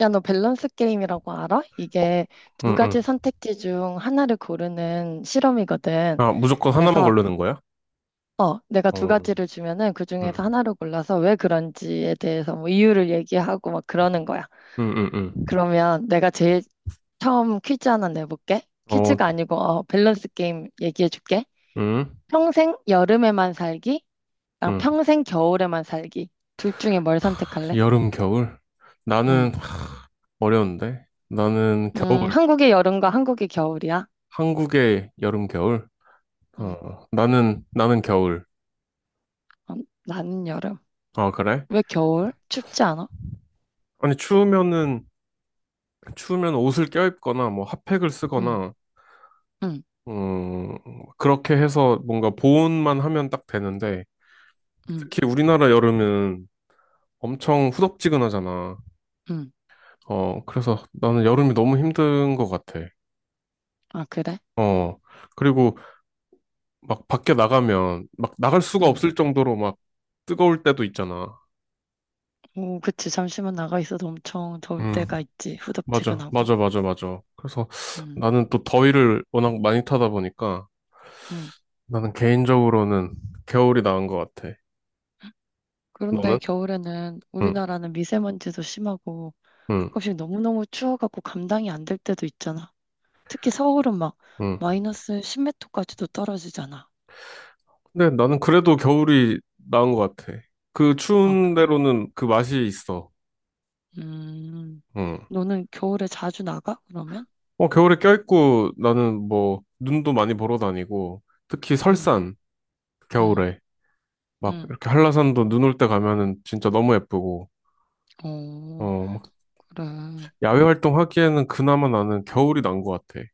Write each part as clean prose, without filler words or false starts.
야, 너 밸런스 게임이라고 알아? 어, 이게 두 응, 가지 응. 선택지 중 하나를 고르는 실험이거든. 아, 무조건 하나만 그래서, 고르는 거야? 내가 두 어, 가지를 주면은 그 중에서 응, 하나를 골라서 왜 그런지에 대해서 뭐 이유를 얘기하고 막 그러는 거야. 응, 응, 응. 그러면 내가 제일 처음 퀴즈 하나 내볼게. 어, 퀴즈가 아니고, 밸런스 게임 얘기해줄게. 응, 평생 여름에만 살기랑 응. 평생 겨울에만 살기. 둘 중에 뭘 선택할래? 여름, 겨울? 나는 음, 어려운데? 나는 겨울. 한국의 여름과 한국의 겨울이야. 한국의 여름, 겨울? 어, 음, 나는 겨울. 어, 나는 여름. 아, 그래? 왜 겨울? 춥지 않아? 아니, 추우면은, 추우면 옷을 껴입거나, 뭐, 핫팩을 응, 쓰거나, 응, 음, 그렇게 해서 뭔가 보온만 하면 딱 되는데, 응, 특히 우리나라 여름은 엄청 후덥지근하잖아. 응. 어, 그래서 나는 여름이 너무 힘든 것 같아. 아, 그래? 어, 그리고 막 밖에 나가면 막 나갈 수가 응. 없을 정도로 막 뜨거울 때도 있잖아. 오, 그치. 잠시만 나가 있어도 엄청 더울 음, 때가 있지. 맞아, 후덥지근하고. 맞아, 맞아, 맞아. 그래서 응, 나는 또 더위를 워낙 많이 타다 보니까 응. 나는 개인적으로는 겨울이 나은 것 같아. 그런데 너는? 겨울에는 응, 우리나라는 미세먼지도 심하고 응, 가끔씩 너무너무 추워갖고 감당이 안 될 때도 있잖아. 특히 서울은 막 응. 마이너스 십메터까지도 떨어지잖아. 근데 나는 그래도 겨울이 나은 것 같아. 그 아, 추운 그래. 데로는 그 맛이 있어. 음, 응. 너는 겨울에 자주 나가? 그러면? 어, 겨울에 껴있고 나는 뭐 눈도 많이 보러 다니고 특히 응, 설산 응, 겨울에 막 응. 이렇게 한라산도 눈 올 때 가면은 진짜 너무 예쁘고 오, 어, 막 그래. 야외 활동하기에는 그나마 나는 겨울이 난 것 같아.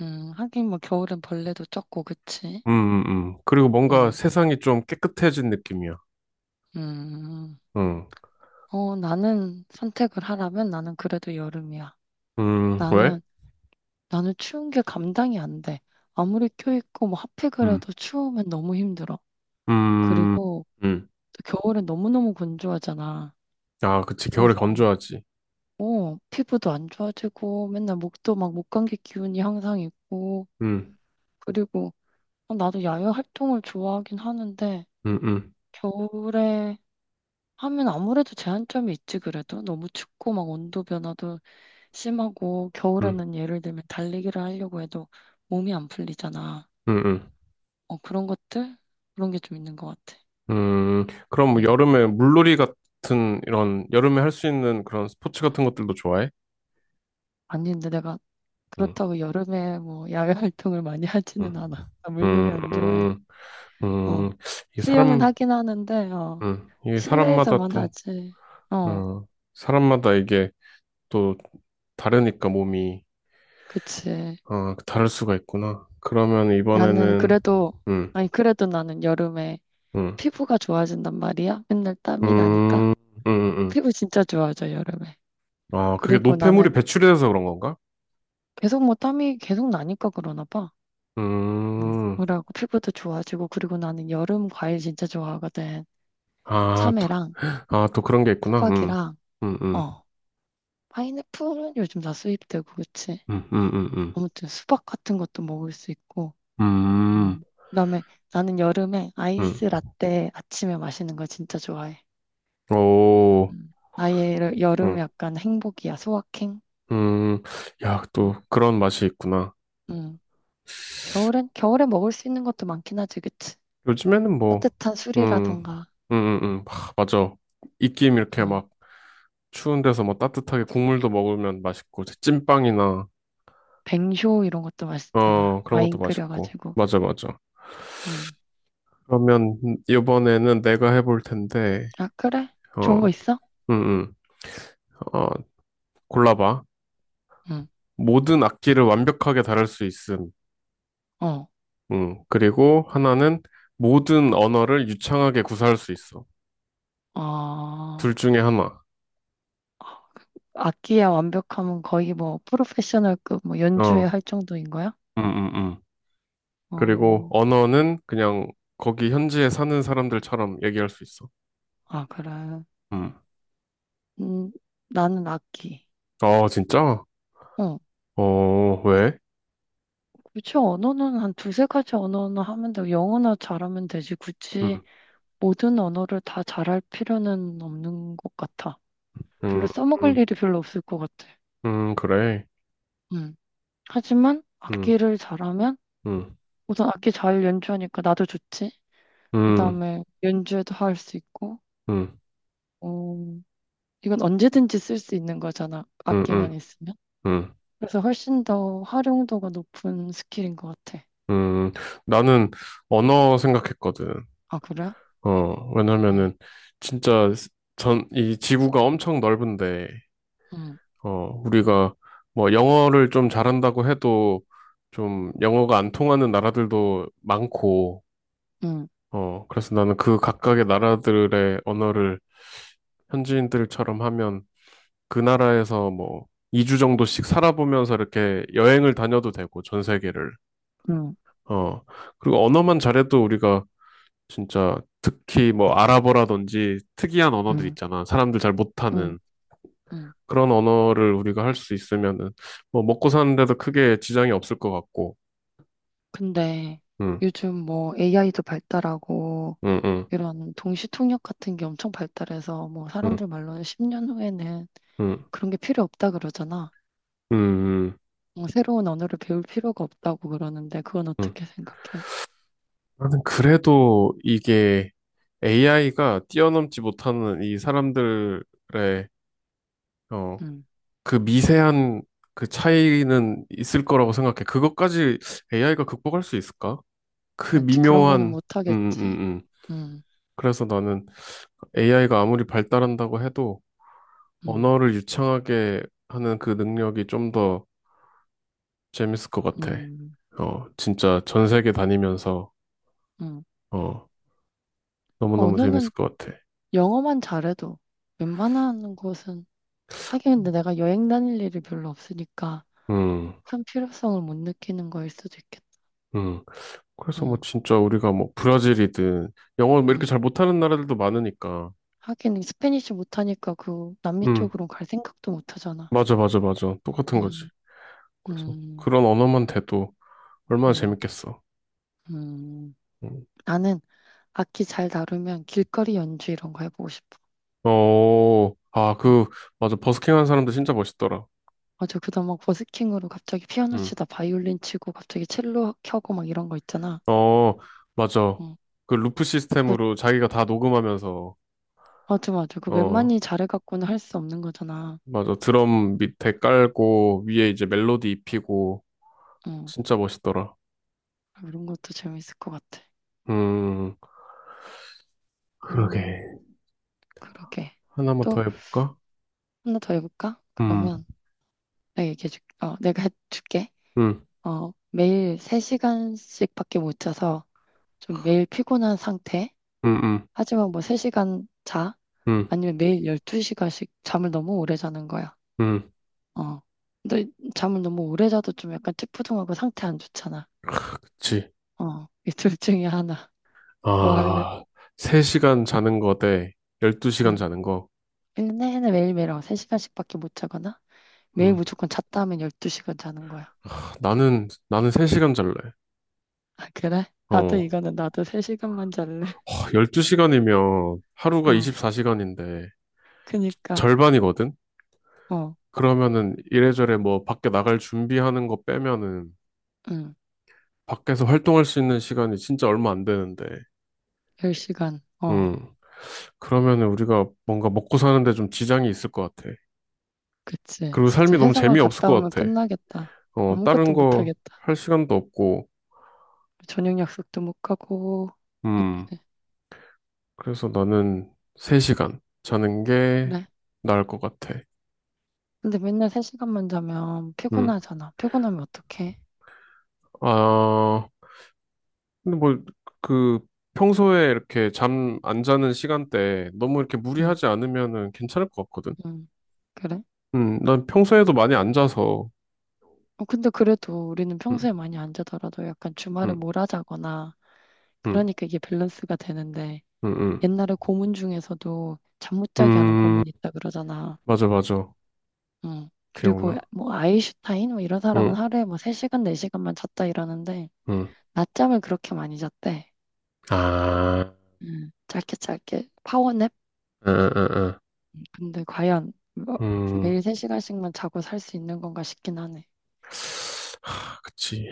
하긴 뭐 겨울엔 벌레도 적고, 그치? 음, 음, 그리고 뭔가 음, 세상이 좀 깨끗해진 느낌이야. 음. 응. 나는 선택을 하라면 나는 그래도 여름이야. 왜? 나는, 나는 추운 게 감당이 안 돼. 아무리 껴입고 뭐 핫팩 그래 음, 도 추우면 너무 힘들어. 음, 그리고 음. 또 겨울엔 너무너무 건조하잖아. 아, 그치. 그래서, 겨울에 건조하지. 피부도 안 좋아지고 맨날 목도 막 목감기 기운이 항상 있고. 음, 그리고 나도 야외 활동을 좋아하긴 하는데, 음, 음, 겨울에 하면 아무래도 제한점이 있지. 그래도 너무 춥고 막 온도 변화도 심하고 음, 겨울에는 예를 들면 달리기를 하려고 해도 몸이 안 풀리잖아. 음, 음. 그런 것들, 그런 게 좀 있는 것 같아. 그럼 뭐 음. 여름에 물놀이 같은 이런 여름에 할 수 있는 그런 스포츠 같은 것들도 좋아해? 아니, 근데 내가 음, 그렇다고 여름에 뭐 야외 활동을 많이 음, 하지는 않아. 나 음, 물놀이 안 좋아해. 음, 어 음. 이게 수영은 사람, 하긴 하는데 이게 사람마다 실내에서만 또, 하지. 어 어, 사람마다 이게 또 다르니까 몸이, 그치. 어, 다를 수가 있구나. 그러면 나는 이번에는, 그래도, 음, 아니, 그래도 나는 여름에 음, 피부가 좋아진단 말이야. 맨날 땀이 나니까. 음, 음, 음. 피부 진짜 좋아져, 여름에. 아, 그게 그리고 노폐물이 나는 배출이 돼서 그런 건가? 계속 뭐 땀이 계속 나니까 그러나 봐. 음, 뭐라고, 피부도 좋아지고, 그리고 나는 여름 과일 진짜 좋아하거든. 아, 또, 참외랑 아, 또 그런 게 있구나. 수박이랑 음, 음. 어 파인애플은 요즘 다 수입되고, 그치? 음, 음, 음, 아무튼 수박 같은 것도 먹을 수 있고. 음, 음, 음. 그다음에 나는 여름에 음. 아이스 라떼 아침에 마시는 거 진짜 좋아해. 오, 음. 아예 음, 여름 약간 행복이야, 소확행. 음, 야, 음. 또 그런 맛이 있구나. 음. 겨울엔 겨울에 먹을 수 있는 것도 많긴 하지, 그치? 요즘에는 뭐, 따뜻한 음, 술이라던가, 하, 맞아. 입김 이렇게 음, 막 추운 데서 뭐 따뜻하게 국물도 먹으면 맛있고, 찐빵이나, 뱅쇼 이런 것도 맛있잖아. 어, 그런 것도 와인 맛있고. 끓여가지고. 맞아, 맞아. 음. 그러면 이번에는 내가 해볼 텐데, 아, 그래? 좋은 거 어, 있어? 음, 음, 어, 골라봐. 응. 모든 악기를 완벽하게 다룰 수 있음. 어. 그리고 하나는 모든 언어를 유창하게 구사할 수 있어. 어. 둘 중에 하나. 악기야 완벽하면 거의 뭐 프로페셔널급 뭐 연주회 어, 할 정도인 거야? 음, 음, 음. 그리고 어. 언어는 그냥 거기 현지에 사는 사람들처럼 얘기할 수 있어. 아, 그래. 음. 음, 나는 악기. 아, 진짜? 어. 어, 왜? 굳이 언어는 한 두세 가지 언어는 하면 되고 영어나 잘하면 되지. 굳이 음, 모든 언어를 다 잘할 필요는 없는 것 같아. 별로 음, 써먹을 음, 일이 별로 없을 것 같아. 그래. 음. 하지만 음, 악기를 잘하면 음, 우선 악기 잘 연주하니까 나도 좋지. 음, 그다음에 연주에도 할 수 있고, 음, 어 이건 언제든지 쓸 수 있는 거잖아. 음, 악기만 음, 있으면. 음. 그래서 훨씬 더 활용도가 높은 스킬인 것 같아. 음. 나는 언어 생각했거든. 아, 그래? 어, 어, 왜냐면은 진짜 전, 이 지구가 엄청 넓은데 응, 어, 우리가 뭐 영어를 좀 잘한다고 해도 좀 영어가 안 통하는 나라들도 많고, 응, 어, 그래서 나는 그 각각의 나라들의 언어를 현지인들처럼 하면 그 나라에서 뭐 2주 정도씩 살아보면서 이렇게 여행을 다녀도 되고, 전 세계를. 응, 어, 그리고 언어만 잘해도 우리가 진짜 특히 뭐 아랍어라든지 특이한 언어들 응, 있잖아. 사람들 잘 응, 못하는. 응. 그런 언어를 우리가 할 수 있으면은 뭐 먹고 사는 데도 크게 지장이 없을 것 같고. 근데 음. 요즘 뭐 AI도 발달하고 음. 음. 이런 동시통역 같은 게 엄청 발달해서 뭐 음. 사람들 말로는 10년 후에는 음. 그런 게 필요 없다 그러잖아. 음. 새로운 언어를 배울 필요가 없다고 그러는데 그건 음. 어떻게 생각해? 나는 그래도 이게 AI가 뛰어넘지 못하는 이 사람들의 어, 음, 그 미세한 그 차이는 있을 거라고 생각해. 그것까지 AI가 극복할 수 있을까? 그 그렇지. 그런 거는 미묘한 음. 못하겠지. 음. 음. 음, 그래서 나는 AI가 아무리 발달한다고 해도 음, 언어를 유창하게 하는 그 능력이 좀 더 재밌을 것 같아. 음, 어, 진짜 전 세계 다니면서, 음. 어, 아, 너무너무 재밌을 언어는 것 같아. 영어만 잘해도 웬만한 곳은, 하긴 근데 내가 여행 다닐 일이 별로 없으니까 음, 큰 필요성을 못 느끼는 거일 수도 있겠다. 음. 그래서 뭐 음, 진짜 우리가 뭐 브라질이든 영어 뭐 이렇게 음. 잘 못하는 나라들도 많으니까. 하긴 스페니쉬 못하니까 그 남미 음, 쪽으로 갈 생각도 못 하잖아. 맞아, 맞아, 맞아. 똑같은 거지. 음, 그래서 음, 그런 언어만 돼도 얼마나 음, 재밌겠어. 음. 음. 나는 악기 잘 다루면 길거리 연주 이런 거 해보고 싶어. 어, 아, 어. 그, 맞아. 버스킹 하는 사람들 진짜 멋있더라. 맞아. 그다음 막 버스킹으로 갑자기 피아노 음. 치다 바이올린 치고 갑자기 첼로 켜고 막 이런 거 있잖아. 어, 맞아. 어 그 루프 그거 시스템으로 자기가 다 녹음하면서, 맞아, 맞아. 그 어, 웬만히 잘해갖고는 할 수 없는 거잖아. 맞아. 드럼 밑에 깔고, 위에 이제 멜로디 입히고, 어 진짜 멋있더라. 이런 것도 재밌을 것 같아. 음, 음 그러게. 그러게. 하나만 또 더 해볼까? 하나 더 해볼까? 음, 그러면 내가 얘기해줄. 내가 해줄게. 음, 매일 3시간씩밖에 못 자서 좀 매일 피곤한 상태. 음, 음, 하지만 뭐 3시간 자. 음, 아니면 매일 12시간씩 잠을 너무 오래 자는 거야. 음, 어. 근데 잠을 너무 오래 자도 좀 약간 찌뿌둥하고 상태 안 좋잖아. 그치. 어. 이 둘 중에 하나. 뭐 할래? 아, 3시간 자는 거 대 12시간 응. 자는 거. 1년 내내 매일매일 3시간씩밖에 못 자거나 매일 음, 무조건 잤다 하면 12시간 자는 거야. 나는 3시간 잘래. 아, 그래? 나도 어, 이거는 나도 3시간만 잘래. 12시간이면 하루가 어. 24시간인데, 그니까. 절반이거든? 어. 그러면은 이래저래 뭐 밖에 나갈 준비하는 거 빼면은 응. 밖에서 활동할 수 있는 시간이 진짜 얼마 안 되는데, 10시간. 어. 음, 그러면은 우리가 뭔가 먹고 사는데 좀 지장이 있을 것 같아. 그치. 그리고 진짜 삶이 너무 회사만 재미없을 갔다 것 오면 같아. 끝나겠다. 어, 다른 아무것도 못 거 하겠다. 할 시간도 없고, 저녁 약속도 못 가고. 음, 그치. 그래서 나는 3시간 자는 게 그래. 나을 것 같아. 근데 맨날 3시간만 자면 음, 피곤하잖아. 피곤하면 어떡해? 아, 근데 뭐, 그, 평소에 이렇게 잠 안 자는 시간대 너무 이렇게 응, 무리하지 않으면은 괜찮을 것 같거든. 응. 그래? 난 평소에도 많이 앉아서, 근데 그래도 우리는 음, 평소에 많이 안 자더라도 약간 주말에 음, 몰아자거나 음, 그러니까 이게 밸런스가 되는데, 음, 옛날에 고문 중에서도 잠 못 자게 하는 음, 고문이 음, 있다 그러잖아. 맞아, 맞아. 응. 그리고 기억나. 뭐 아인슈타인 뭐 이런 사람은 응, 하루에 뭐 3시간, 4시간만 잤다 이러는데 응. 낮잠을 그렇게 많이 잤대. 아, 응. 짧게 짧게 파워냅? 응, 응, 응. 근데 과연 뭐 응. 매일 3시간씩만 자고 살 수 있는 건가 싶긴 하네. 하, 그치.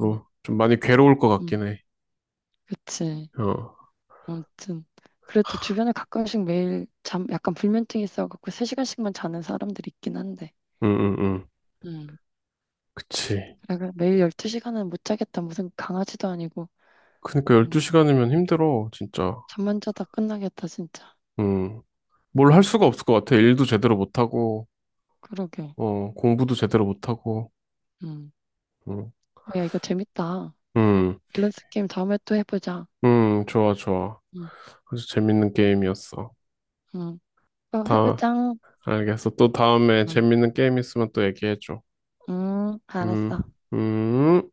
음, 좀 많이 괴로울 것 음, 같긴 해. 그치. 어, 아무튼 그래도 주변에 가끔씩 매일 잠 약간 불면증 있어갖고 3시간씩만 자는 사람들 있긴 한데. 응, 응, 응. 음. 그치. 그래, 매일 12시간은 못 자겠다. 무슨 강아지도 아니고. 그니까 음. 12시간이면 힘들어, 진짜. 잠만 자다 끝나겠다, 진짜. 음, 뭘 할 음. 수가 없을 것 같아. 일도 제대로 못하고, 그러게. 어, 공부도 제대로 못하고, 음. 응, 야, 이거 재밌다. 응, 밸런스 게임 다음에 또 해보자. 응, 좋아, 좋아. 음. 아주 재밌는 게임이었어. 음. 또 다 해보자. 알겠어. 또 다음에 음. 재밌는 게임 있으면 또 얘기해줘. 음. 음, 알았어. 음.